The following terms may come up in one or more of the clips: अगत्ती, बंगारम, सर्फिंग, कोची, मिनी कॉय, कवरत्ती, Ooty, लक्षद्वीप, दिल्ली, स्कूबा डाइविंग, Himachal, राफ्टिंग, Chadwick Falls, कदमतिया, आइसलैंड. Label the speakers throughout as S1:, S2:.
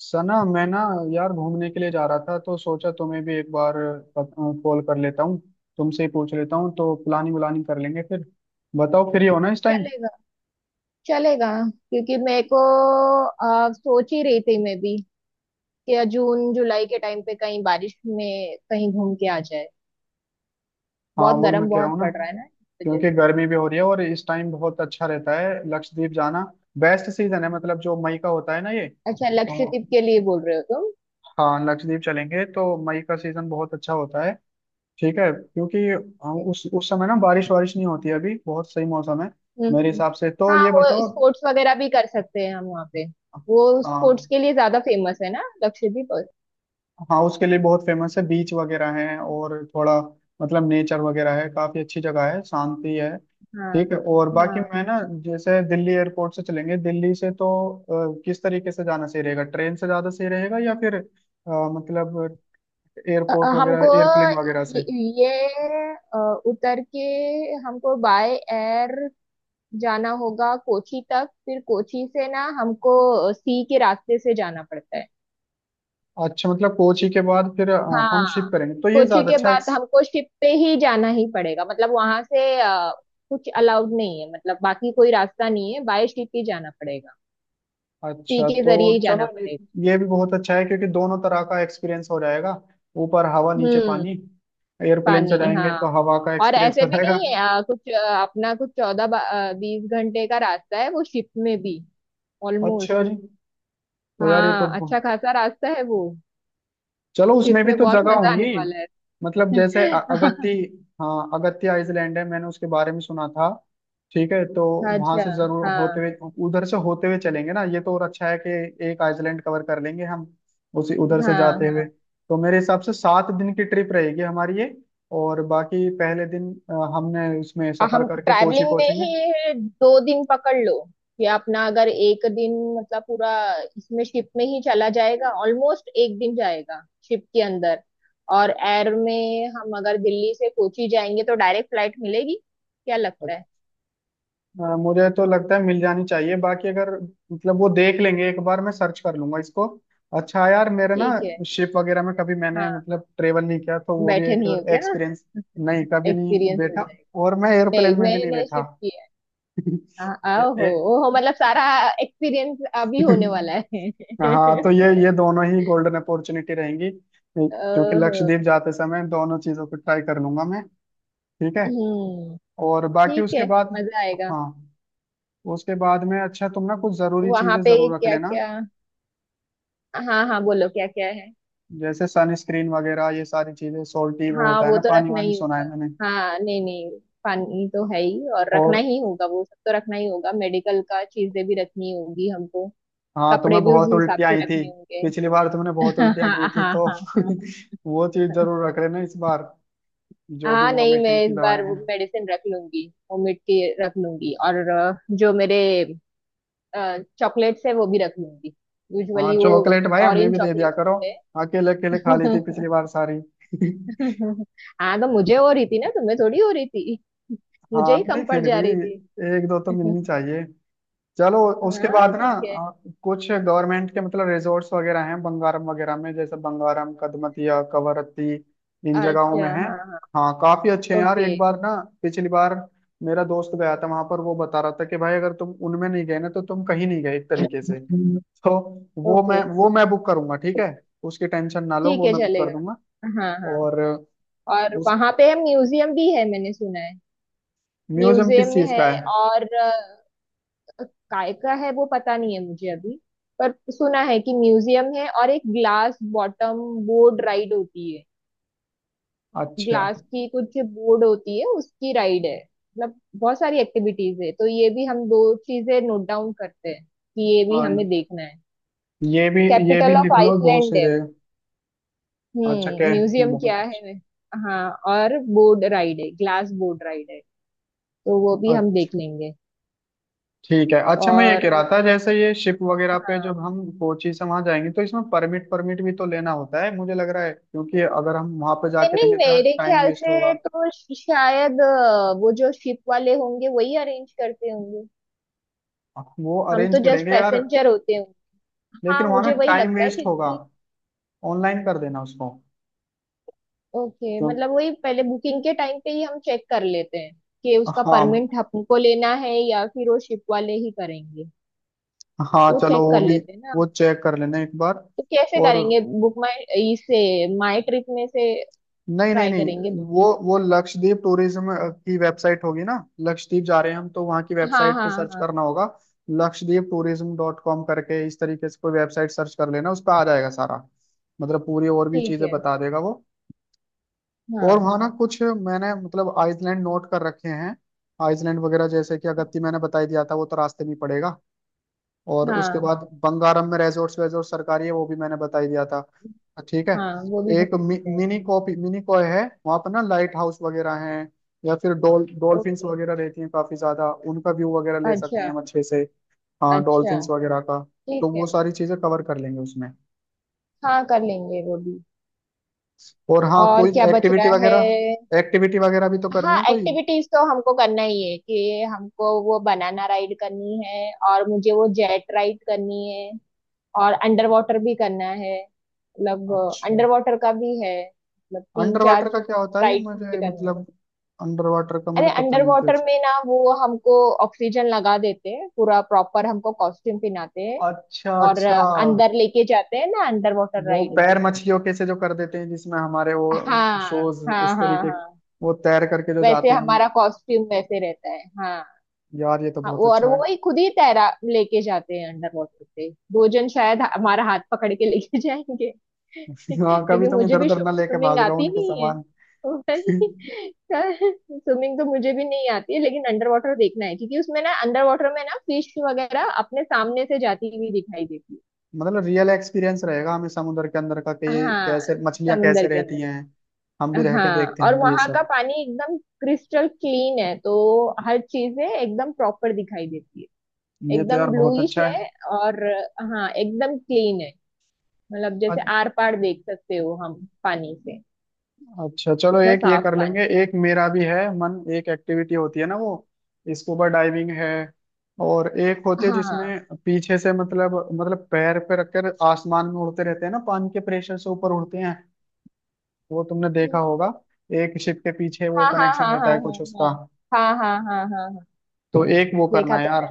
S1: सना, मैं ना यार घूमने के लिए जा रहा था तो सोचा तुम्हें भी एक बार कॉल कर लेता हूँ। तुमसे ही पूछ लेता हूँ तो प्लानिंग व्लानिंग कर लेंगे फिर। बताओ, फ्री हो ना इस टाइम?
S2: चलेगा। चलेगा क्योंकि मेरे को सोच ही रही थी मैं भी कि जून जुलाई के टाइम पे कहीं बारिश में कहीं घूम के आ जाए।
S1: हाँ,
S2: बहुत
S1: वही मैं
S2: गर्म
S1: कह रहा
S2: बहुत
S1: हूँ ना।
S2: पड़ रहा है ना, इस वजह
S1: क्योंकि
S2: से।
S1: गर्मी भी हो रही है और इस टाइम बहुत अच्छा रहता है लक्षद्वीप जाना। बेस्ट सीजन है, मतलब जो मई का होता है ना ये
S2: अच्छा,
S1: तो।
S2: लक्षद्वीप के लिए बोल रहे हो तुम।
S1: हाँ, लक्षद्वीप चलेंगे तो मई का सीजन बहुत अच्छा होता है। ठीक है क्योंकि उस समय ना बारिश वारिश नहीं होती है, अभी बहुत सही मौसम है।
S2: हम्म
S1: मेरे
S2: हम्म।
S1: हिसाब से तो
S2: हाँ,
S1: ये
S2: वो
S1: बताओ।
S2: स्पोर्ट्स वगैरह भी कर सकते हैं हम वहाँ पे। वो स्पोर्ट्स
S1: हाँ।
S2: के लिए ज्यादा फेमस है ना लक्षद्वीप और-
S1: हाँ, उसके लिए बहुत फेमस है, बीच वगैरह है और थोड़ा मतलब नेचर वगैरह है, काफी अच्छी जगह है, शांति है।
S2: हाँ।
S1: ठीक है, और बाकी
S2: हाँ
S1: मैं ना जैसे दिल्ली एयरपोर्ट से चलेंगे दिल्ली से तो किस तरीके से जाना सही रहेगा? ट्रेन से ज्यादा सही रहेगा या फिर मतलब एयरपोर्ट
S2: हमको
S1: वगैरह एयरप्लेन वगैरह
S2: ये
S1: से?
S2: ये, अ, उतर के हमको बाय एयर जाना होगा कोची तक। फिर कोची से ना हमको सी के रास्ते से जाना पड़ता है।
S1: अच्छा, मतलब कोची के बाद फिर
S2: हाँ,
S1: हम शिफ्ट करेंगे तो ये
S2: कोची
S1: ज्यादा
S2: के
S1: अच्छा।
S2: बाद हमको शिप पे ही जाना ही पड़ेगा। मतलब वहां से कुछ अलाउड नहीं है, मतलब बाकी कोई रास्ता नहीं है, बाय शिप ही जाना पड़ेगा। सी
S1: अच्छा
S2: के
S1: तो।
S2: जरिए ही
S1: चलो,
S2: जाना
S1: ये
S2: पड़ेगा।
S1: ये भी बहुत अच्छा है क्योंकि दोनों तरह का एक्सपीरियंस हो जाएगा, ऊपर हवा नीचे
S2: हम्म।
S1: पानी। एयरप्लेन से
S2: पानी,
S1: जाएंगे
S2: हाँ।
S1: तो हवा का
S2: और
S1: एक्सपीरियंस
S2: ऐसे
S1: हो
S2: भी
S1: जाएगा।
S2: नहीं है, कुछ अपना कुछ 14 20 घंटे का रास्ता है वो शिप में भी,
S1: अच्छा
S2: ऑलमोस्ट।
S1: जी। तो यार ये तो
S2: हाँ, अच्छा खासा रास्ता है वो।
S1: चलो
S2: शिप
S1: उसमें भी
S2: में
S1: तो
S2: बहुत
S1: जगह
S2: मजा आने
S1: होंगी।
S2: वाला
S1: मतलब जैसे
S2: है।
S1: अगत्ती, हाँ अगत्ती आइलैंड है, मैंने उसके बारे में सुना था। ठीक है, तो वहां
S2: अच्छा।
S1: से जरूर होते
S2: हाँ
S1: हुए, उधर से होते हुए चलेंगे ना। ये तो और अच्छा है कि एक आइलैंड कवर कर लेंगे हम उसी उधर से
S2: हाँ।
S1: जाते हुए।
S2: हाँ,
S1: तो मेरे हिसाब से 7 दिन की ट्रिप रहेगी हमारी ये। और बाकी पहले दिन हमने उसमें
S2: और
S1: सफर
S2: हम
S1: करके कोची
S2: ट्रैवलिंग में
S1: पहुंचेंगे।
S2: ही 2 दिन पकड़ लो कि अपना अगर 1 दिन, मतलब पूरा इसमें शिप में ही चला जाएगा, ऑलमोस्ट 1 दिन जाएगा शिप के अंदर। और एयर में हम अगर दिल्ली से कोची जाएंगे तो डायरेक्ट फ्लाइट मिलेगी, क्या लगता है?
S1: मुझे तो लगता है मिल जानी चाहिए, बाकी अगर, मतलब, वो देख लेंगे एक बार। मैं सर्च कर लूंगा इसको। अच्छा यार, मेरे ना
S2: ठीक है।
S1: शिप वगैरह में कभी मैंने
S2: हाँ,
S1: मतलब ट्रेवल नहीं किया, तो वो भी
S2: बैठे
S1: एक
S2: नहीं हो क्या?
S1: एक्सपीरियंस। नहीं, कभी नहीं
S2: एक्सपीरियंस हो
S1: बैठा।
S2: जाएगा।
S1: और मैं एयरप्लेन
S2: नहीं,
S1: में भी नहीं
S2: मैंने
S1: बैठा।
S2: शिफ्ट किया है। आ-
S1: ए,
S2: ओहो।
S1: ए,
S2: ओहो, मतलब सारा एक्सपीरियंस अभी होने वाला है।
S1: हाँ, तो ये ये दोनों ही गोल्डन अपॉर्चुनिटी रहेंगी क्योंकि
S2: ओहो।
S1: लक्षद्वीप जाते समय दोनों चीजों को ट्राई कर लूंगा मैं। ठीक है।
S2: हम्म।
S1: और बाकी
S2: ठीक
S1: उसके
S2: है।
S1: बाद।
S2: मजा आएगा।
S1: हाँ। उसके बाद में, अच्छा तुम ना कुछ जरूरी
S2: वहां
S1: चीजें
S2: पे
S1: जरूर रख
S2: क्या
S1: लेना।
S2: क्या? हाँ हाँ, बोलो क्या क्या है।
S1: जैसे सनस्क्रीन वगैरह, ये सारी चीजें सोल्टी, वो
S2: हाँ,
S1: होता है
S2: वो
S1: ना
S2: तो
S1: पानी
S2: रखना
S1: वानी,
S2: ही
S1: सुना
S2: होगा।
S1: है मैंने।
S2: हाँ, नहीं नहीं, पानी तो है ही, और रखना
S1: और
S2: ही होगा, वो सब तो रखना ही होगा, मेडिकल का चीजें भी रखनी होगी हमको।
S1: हाँ,
S2: कपड़े
S1: तुम्हें
S2: भी
S1: बहुत
S2: उसी हिसाब
S1: उल्टियाँ
S2: से
S1: आई थी,
S2: रखने होंगे।
S1: पिछली बार तुमने बहुत
S2: हाँ
S1: उल्टियाँ की थी,
S2: हाँ
S1: तो
S2: हाँ। हाँ।
S1: वो चीज जरूर रख लेना इस बार। जो भी
S2: हाँ, नहीं, मैं
S1: वॉमिटिंग की
S2: इस
S1: दवाएं
S2: बार वो
S1: हैं।
S2: मेडिसिन रख लूंगी, वो मिट्टी रख लूंगी, और जो मेरे चॉकलेट्स है वो भी रख लूंगी।
S1: हाँ,
S2: यूजुअली वो
S1: चॉकलेट भाई हमें
S2: ऑरेंज
S1: भी दे दिया
S2: चॉकलेट्स
S1: करो,
S2: होते
S1: अकेले अकेले खा ली थी
S2: हैं।
S1: पिछली बार सारी।
S2: हाँ, तो मुझे हो रही थी ना, तुम्हें थोड़ी हो रही थी, मुझे
S1: हाँ,
S2: ही कम
S1: नहीं
S2: पड़
S1: फिर भी
S2: जा रही थी।
S1: एक दो तो मिलनी चाहिए। चलो। उसके
S2: हाँ,
S1: बाद ना
S2: ठीक है।
S1: कुछ गवर्नमेंट के मतलब रिजॉर्ट्स वगैरह हैं, बंगारम वगैरह में, जैसे बंगारम, कदमतिया, कवरत्ती, इन जगहों में
S2: अच्छा।
S1: हैं।
S2: हाँ हाँ।
S1: हाँ, काफी अच्छे हैं यार,
S2: ओके।
S1: एक बार ना पिछली बार मेरा दोस्त गया था वहां पर, वो बता रहा था कि भाई अगर तुम उनमें नहीं गए ना तो तुम कहीं नहीं गए एक तरीके से। तो वो
S2: ओके।
S1: मैं वो मैं बुक करूंगा, ठीक है। उसकी टेंशन ना लो,
S2: ठीक
S1: वो
S2: है,
S1: मैं बुक कर दूंगा।
S2: चलेगा। हाँ हाँ।
S1: और
S2: और
S1: उस
S2: वहां पे म्यूजियम भी है, मैंने सुना है।
S1: म्यूजियम किस
S2: म्यूजियम
S1: चीज
S2: है
S1: का है?
S2: और काय का है वो पता नहीं है मुझे अभी, पर सुना है कि म्यूजियम है। और एक ग्लास बॉटम बोट राइड होती है।
S1: अच्छा,
S2: ग्लास की कुछ बोर्ड होती है, उसकी राइड है। मतलब बहुत सारी एक्टिविटीज है। तो ये भी हम दो चीजें नोट डाउन करते हैं कि ये भी
S1: हाँ,
S2: हमें देखना है।
S1: ये भी, ये भी
S2: कैपिटल ऑफ
S1: लिख लो, बहुत
S2: आइसलैंड
S1: सही
S2: है
S1: रहे।
S2: वो।
S1: अच्छा क्या?
S2: हम्म, म्यूजियम
S1: बहुत
S2: क्या है वे? हाँ, और बोर्ड राइड है, ग्लास बोर्ड राइड है, तो वो
S1: अच्छा।
S2: भी हम
S1: अच्छा,
S2: देख लेंगे।
S1: ठीक है, अच्छा मैं ये
S2: और
S1: कह रहा था जैसे ये शिप वगैरह पे
S2: हाँ,
S1: जब हम कोची से वहां जाएंगे तो इसमें परमिट परमिट भी तो लेना होता है, मुझे लग रहा है, क्योंकि अगर हम वहां पे जाके
S2: मैंने
S1: लेंगे तो यार
S2: मेरे
S1: टाइम
S2: ख्याल
S1: वेस्ट
S2: से
S1: होगा।
S2: तो शायद वो जो शिप वाले होंगे वही अरेंज करते होंगे।
S1: वो
S2: हम
S1: अरेंज
S2: तो जस्ट
S1: करेंगे यार।
S2: पैसेंजर होते होंगे।
S1: लेकिन
S2: हाँ,
S1: वहां ना
S2: मुझे वही
S1: टाइम
S2: लगता है,
S1: वेस्ट होगा।
S2: क्योंकि
S1: ऑनलाइन कर देना उसको।
S2: ओके,
S1: क्यों?
S2: मतलब वही पहले बुकिंग के टाइम पे ही हम चेक कर लेते हैं कि उसका
S1: हाँ,
S2: परमिट हमको लेना है या फिर वो शिप वाले ही करेंगे।
S1: हाँ
S2: वो
S1: चलो
S2: चेक
S1: वो
S2: कर
S1: भी,
S2: लेते हैं ना।
S1: वो चेक कर लेना एक बार।
S2: तो कैसे
S1: और
S2: करेंगे, बुक माई इससे, माई ट्रिप में से
S1: नहीं, नहीं,
S2: ट्राई करेंगे
S1: नहीं, वो
S2: बुकिंग।
S1: वो लक्षद्वीप टूरिज्म की वेबसाइट होगी ना। लक्षद्वीप जा रहे हैं हम तो वहाँ की
S2: हाँ
S1: वेबसाइट
S2: हाँ
S1: पे सर्च
S2: हाँ।
S1: करना होगा। lakshadweeptourism.com करके इस तरीके से कोई वेबसाइट सर्च कर लेना, उस पर आ जाएगा सारा, मतलब पूरी, और भी
S2: ठीक
S1: चीजें
S2: है।
S1: बता देगा वो। और
S2: हाँ
S1: वहाँ ना कुछ मैंने मतलब आइसलैंड नोट कर रखे हैं। आइसलैंड वगैरह, जैसे कि अगत्ती मैंने बताई दिया था, वो तो रास्ते में ही पड़ेगा। और उसके
S2: हाँ,
S1: बाद बंगारम में रेजोर्ट्स वेजोर्ट सरकारी है, वो भी मैंने बता ही दिया था। ठीक है।
S2: हाँ वो भी घूम
S1: एक
S2: सकते हैं।
S1: मिनी कॉय है वहाँ पर ना, लाइट हाउस वगैरह हैं, या फिर डॉल्फिन्स
S2: ओके।
S1: वगैरह रहती हैं काफी ज्यादा, उनका व्यू वगैरह ले सकते हैं
S2: अच्छा
S1: हम अच्छे से। हाँ,
S2: अच्छा।
S1: डॉल्फिन्स वगैरह का।
S2: ठीक
S1: तो
S2: है।
S1: वो सारी चीजें कवर कर लेंगे उसमें।
S2: हाँ, कर लेंगे वो भी।
S1: और हाँ
S2: और
S1: कोई
S2: क्या बच रहा है?
S1: एक्टिविटी वगैरह भी तो करनी
S2: हाँ,
S1: है कोई।
S2: एक्टिविटीज तो हमको करना ही है, कि हमको वो बनाना राइड करनी है, और मुझे वो जेट राइड करनी है, और अंडर वाटर भी करना है, मतलब अंडर
S1: अच्छा,
S2: वाटर का भी है, मतलब तीन
S1: अंडर वाटर
S2: चार
S1: का क्या होता है ये
S2: राइड मुझे
S1: मुझे
S2: करने हैं।
S1: मतलब, अंडर वाटर का
S2: अरे
S1: मुझे पता
S2: अंडर
S1: नहीं क्या।
S2: वाटर में ना, वो हमको ऑक्सीजन लगा देते हैं, पूरा प्रॉपर हमको कॉस्ट्यूम पहनाते हैं,
S1: अच्छा
S2: और
S1: अच्छा।
S2: अंदर लेके जाते हैं ना, अंडर वाटर
S1: वो
S2: राइड में।
S1: पैर मछलियों के से जो कर देते हैं जिसमें हमारे वो
S2: हाँ
S1: शोज,
S2: हाँ हाँ
S1: इस तरीके,
S2: हाँ।
S1: वो तैर करके जो
S2: वैसे
S1: जाते हैं हम।
S2: हमारा कॉस्ट्यूम वैसे रहता है, हाँ।
S1: यार ये तो
S2: हाँ,
S1: बहुत
S2: वो और
S1: अच्छा है।
S2: वो ही खुद ही तैरा लेके जाते हैं, अंडर वाटर पे 2 जन शायद हमारा हाथ पकड़ के लेके जाएंगे।
S1: हाँ, कभी
S2: क्योंकि
S1: तुम
S2: मुझे
S1: इधर
S2: भी
S1: उधर ना लेके
S2: स्विमिंग
S1: भाग जाओ
S2: आती
S1: उनके
S2: नहीं है।
S1: सामान।
S2: तो भाई स्विमिंग तो मुझे भी नहीं आती है, लेकिन अंडर वाटर देखना है, क्योंकि उसमें ना अंडर वाटर में ना फिश वगैरह अपने सामने से जाती हुई दिखाई देती
S1: मतलब रियल एक्सपीरियंस रहेगा हमें समुद्र के अंदर का, कि
S2: है।
S1: ये
S2: हाँ,
S1: कैसे मछलियां
S2: समुंदर
S1: कैसे
S2: के
S1: रहती
S2: अंदर।
S1: हैं, हम भी रह के
S2: हाँ,
S1: देखते
S2: और
S1: हैं ये
S2: वहां का
S1: सब।
S2: पानी एकदम क्रिस्टल क्लीन है, तो हर चीजें एकदम प्रॉपर दिखाई देती है।
S1: ये तो यार
S2: एकदम
S1: बहुत
S2: ब्लूइश
S1: अच्छा
S2: है। और हाँ, एकदम क्लीन है, मतलब जैसे
S1: है।
S2: आर पार देख सकते हो हम पानी से।
S1: अच्छा चलो
S2: इतना
S1: एक ये
S2: साफ
S1: कर
S2: पानी
S1: लेंगे। एक मेरा भी है मन, एक एक्टिविटी होती है ना वो स्कूबा डाइविंग है। और एक
S2: है।
S1: होती है
S2: हाँ।
S1: जिसमें पीछे से मतलब, मतलब पैर पे रखकर आसमान में उड़ते रहते हैं ना, पानी के प्रेशर से ऊपर उड़ते हैं। वो तुमने देखा होगा,
S2: हम्म।
S1: एक शिप के पीछे वो
S2: हाँ हाँ
S1: कनेक्शन
S2: हाँ
S1: रहता
S2: हाँ
S1: है कुछ
S2: हाँ।
S1: उसका।
S2: हाँ हाँ हाँ हाँ हाँ। हाँ
S1: तो एक वो करना
S2: देखा
S1: है
S2: तो
S1: यार।
S2: है।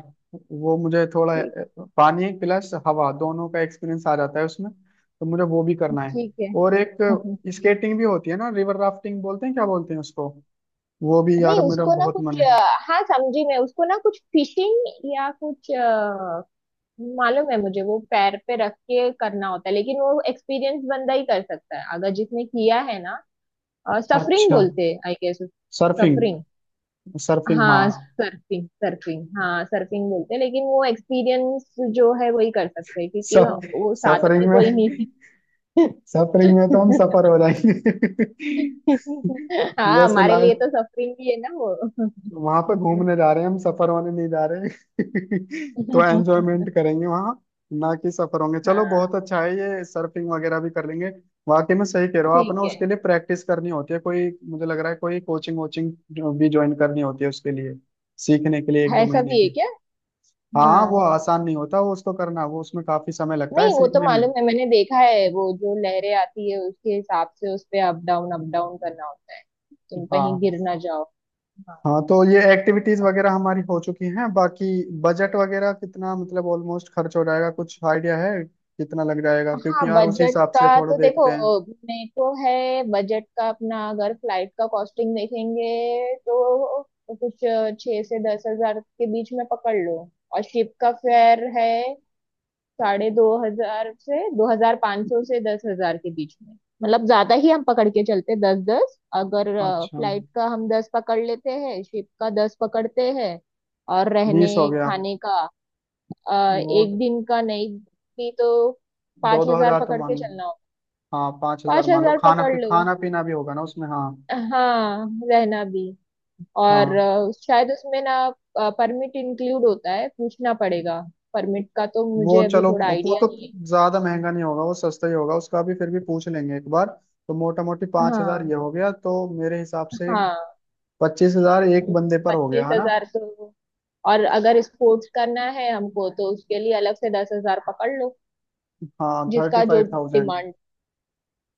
S1: वो मुझे थोड़ा
S2: ठीक।
S1: पानी प्लस हवा दोनों का एक्सपीरियंस आ जाता है उसमें, तो मुझे वो भी करना है।
S2: ठीक है।
S1: और एक स्केटिंग भी होती है ना, रिवर राफ्टिंग बोलते हैं, क्या बोलते हैं उसको? वो भी
S2: नहीं,
S1: यार मेरा
S2: उसको ना
S1: बहुत मन
S2: कुछ
S1: है।
S2: हाँ, समझी मैं, उसको ना कुछ फिशिंग या कुछ मालूम है मुझे, वो पैर पे रख के करना होता है, लेकिन वो एक्सपीरियंस बंदा ही कर सकता है अगर जिसने किया है ना। सफरिंग
S1: अच्छा,
S2: बोलते हैं, I guess.
S1: सर्फिंग,
S2: suffering.
S1: सर्फिंग,
S2: हाँ,
S1: हाँ
S2: सर्फिंग। सर्फिंग बोलते हैं। लेकिन वो एक्सपीरियंस जो है वही कर सकते हैं, क्योंकि
S1: सब।
S2: वो साथ
S1: सफरिंग
S2: में कोई नहीं
S1: में, सफरिंग में तो हम
S2: है।
S1: सफर हो जाएंगे,
S2: हाँ,
S1: वैसे
S2: हमारे लिए
S1: लाइफ।
S2: तो सफरिंग ही है ना वो।
S1: वहां पे घूमने जा रहे हैं हम, सफर होने नहीं जा रहे हैं। तो एंजॉयमेंट करेंगे वहां, ना कि सफर होंगे। चलो
S2: हाँ,
S1: बहुत अच्छा है, ये सर्फिंग वगैरह भी कर लेंगे। वाकई में सही कह रहे हो आप ना,
S2: ठीक है।
S1: उसके लिए प्रैक्टिस करनी होती है कोई, मुझे लग रहा है कोई कोचिंग वोचिंग जो भी ज्वाइन करनी होती है उसके लिए सीखने के लिए, एक दो
S2: ऐसा
S1: महीने
S2: भी है
S1: की।
S2: क्या?
S1: हाँ, वो
S2: हाँ।
S1: आसान नहीं होता, वो उसको करना, वो उसमें काफी समय लगता है
S2: नहीं, वो तो
S1: सीखने में।
S2: मालूम है, मैंने देखा है, वो जो लहरें आती है उसके हिसाब से उस पे अप डाउन करना होता है। तुम कहीं
S1: हाँ।
S2: गिर ना जाओ। हाँ।
S1: हाँ, तो ये एक्टिविटीज वगैरह हमारी हो चुकी हैं, बाकी बजट वगैरह कितना मतलब ऑलमोस्ट खर्च हो जाएगा, कुछ आइडिया है कितना लग जाएगा,
S2: हाँ,
S1: क्योंकि यार उसी
S2: बजट
S1: हिसाब
S2: का
S1: से थोड़ा
S2: तो देखो,
S1: देखते हैं।
S2: मेरे को है बजट का अपना। अगर फ्लाइट का कॉस्टिंग देखेंगे तो कुछ 6 से 10,000 के बीच में पकड़ लो। और शिप का फेयर है 2,500 से, 2,500 से 10,000 के बीच में। मतलब ज्यादा ही हम पकड़ के चलते, 10 10। अगर
S1: अच्छा।
S2: फ्लाइट का हम 10 पकड़ लेते हैं, शिप का 10 पकड़ते हैं, और रहने
S1: 20 हो गया।
S2: खाने का
S1: वो,
S2: 1 दिन का नहीं भी तो
S1: दो
S2: पांच
S1: दो
S2: हजार
S1: हजार तो
S2: पकड़
S1: मान
S2: के
S1: लो,
S2: चलना होगा।
S1: हाँ 5,000
S2: पांच
S1: मान लो,
S2: हजार
S1: खाना
S2: पकड़
S1: पी
S2: लो।
S1: खाना पीना भी होगा ना उसमें, हाँ।
S2: हाँ, रहना भी। और
S1: हाँ,
S2: शायद उसमें ना परमिट इंक्लूड होता है, पूछना पड़ेगा। परमिट का तो
S1: वो
S2: मुझे अभी
S1: चलो
S2: थोड़ा
S1: वो
S2: आइडिया
S1: तो
S2: नहीं
S1: ज्यादा महंगा नहीं होगा, वो सस्ता ही होगा उसका भी, फिर भी पूछ लेंगे एक बार। तो मोटा मोटी
S2: है।
S1: 5,000
S2: हाँ।
S1: ये हो गया, तो मेरे हिसाब से
S2: हाँ,
S1: 25,000 एक बंदे पर हो गया
S2: पच्चीस
S1: है ना।
S2: हजार तो। और अगर स्पोर्ट्स करना है हमको तो उसके लिए अलग से 10,000 पकड़ लो,
S1: हाँ, थर्टी
S2: जिसका जो
S1: फाइव थाउजेंड
S2: डिमांड।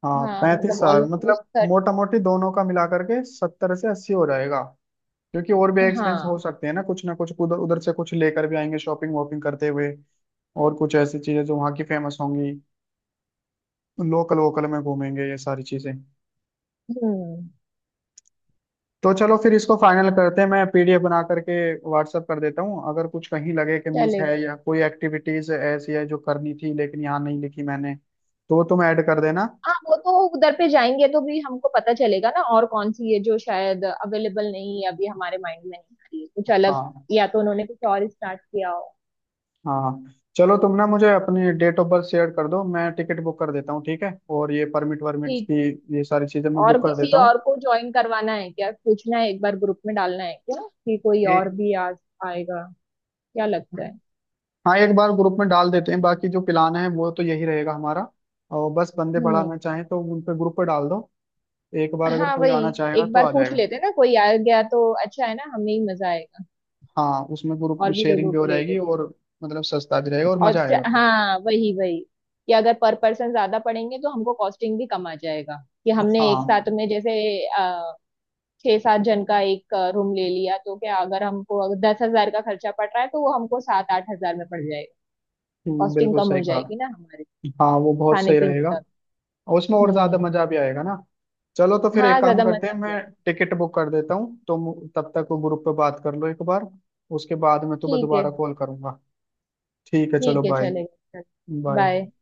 S1: हाँ
S2: हाँ,
S1: पैंतीस
S2: मतलब
S1: हजार मतलब
S2: ऑलमोस्ट।
S1: मोटा मोटी दोनों का मिला करके 70 से 80 हो जाएगा। क्योंकि और भी एक्सपेंस हो
S2: हाँ।
S1: सकते हैं ना, कुछ ना कुछ उधर उधर से कुछ लेकर भी आएंगे शॉपिंग वॉपिंग करते हुए, और कुछ ऐसी चीजें जो वहाँ की फेमस होंगी, लोकल वोकल में घूमेंगे, ये सारी चीजें।
S2: हम्म।
S1: तो चलो फिर इसको फाइनल करते हैं, मैं PDF बना करके व्हाट्सअप कर देता हूँ, अगर कुछ कहीं लगे कि मिस
S2: चलेगा।
S1: है या कोई एक्टिविटीज ऐसी है जो करनी थी लेकिन यहाँ नहीं लिखी मैंने, तो वो तुम ऐड कर देना।
S2: हाँ, वो तो उधर पे जाएंगे तो भी हमको पता चलेगा ना, और कौन सी है जो शायद अवेलेबल नहीं है अभी, हमारे माइंड में नहीं आ रही है कुछ अलग,
S1: हाँ,
S2: या तो उन्होंने कुछ और स्टार्ट किया हो।
S1: हाँ, हाँ। चलो तुम ना मुझे अपनी डेट ऑफ बर्थ शेयर कर दो, मैं टिकट बुक कर देता हूँ, ठीक है, और ये परमिट वर्मिट
S2: ठीक है।
S1: की, ये सारी चीजें मैं
S2: और
S1: बुक कर
S2: किसी
S1: देता हूँ।
S2: और को ज्वाइन करवाना है क्या? पूछना है एक बार, ग्रुप में डालना है क्या, कि कोई और
S1: ए-
S2: भी आ आएगा? क्या लगता है?
S1: हाँ, एक बार ग्रुप में डाल देते हैं, बाकी जो प्लान है वो तो यही रहेगा हमारा। और बस बंदे
S2: हम्म।
S1: बढ़ाना चाहें तो उन पे ग्रुप पे डाल दो, एक बार अगर
S2: हाँ,
S1: कोई
S2: वही,
S1: आना चाहेगा
S2: एक
S1: तो
S2: बार
S1: आ
S2: पूछ
S1: जाएगा।
S2: लेते ना, कोई आ गया तो अच्छा है ना, हमें ही मजा आएगा।
S1: हाँ, उसमें ग्रुप
S2: और भी
S1: शेयरिंग
S2: लोगों
S1: भी हो
S2: को ले
S1: जाएगी,
S2: लेते।
S1: और मतलब सस्ता भी रहेगा और
S2: और
S1: मजा आएगा फिर।
S2: हाँ, वही वही, कि अगर पर पर्सन ज्यादा पड़ेंगे तो हमको कॉस्टिंग भी कम आ जाएगा। कि हमने एक
S1: हाँ।
S2: साथ में जैसे अ, 6 7 जन का एक रूम ले लिया, तो क्या, अगर हमको अगर 10,000 का खर्चा पड़ रहा है तो वो हमको 7 8 हज़ार में पड़ जाएगा। कॉस्टिंग
S1: बिल्कुल
S2: कम हो
S1: सही कहा।
S2: जाएगी ना हमारे
S1: हाँ, वो बहुत
S2: खाने
S1: सही
S2: पीने
S1: रहेगा।
S2: का।
S1: और उसमें और ज्यादा
S2: हम्म।
S1: मजा भी आएगा ना। चलो तो फिर एक
S2: हाँ,
S1: काम
S2: ज्यादा
S1: करते
S2: मजा
S1: हैं,
S2: भी
S1: मैं
S2: आएगा।
S1: टिकट बुक कर देता हूँ, तुम तब तक वो ग्रुप पे बात कर लो एक बार, उसके बाद मैं तुम्हें
S2: ठीक है।
S1: दोबारा कॉल करूंगा। ठीक है, चलो
S2: ठीक है,
S1: बाय।
S2: चलेगा। चल, बाय।
S1: बाय।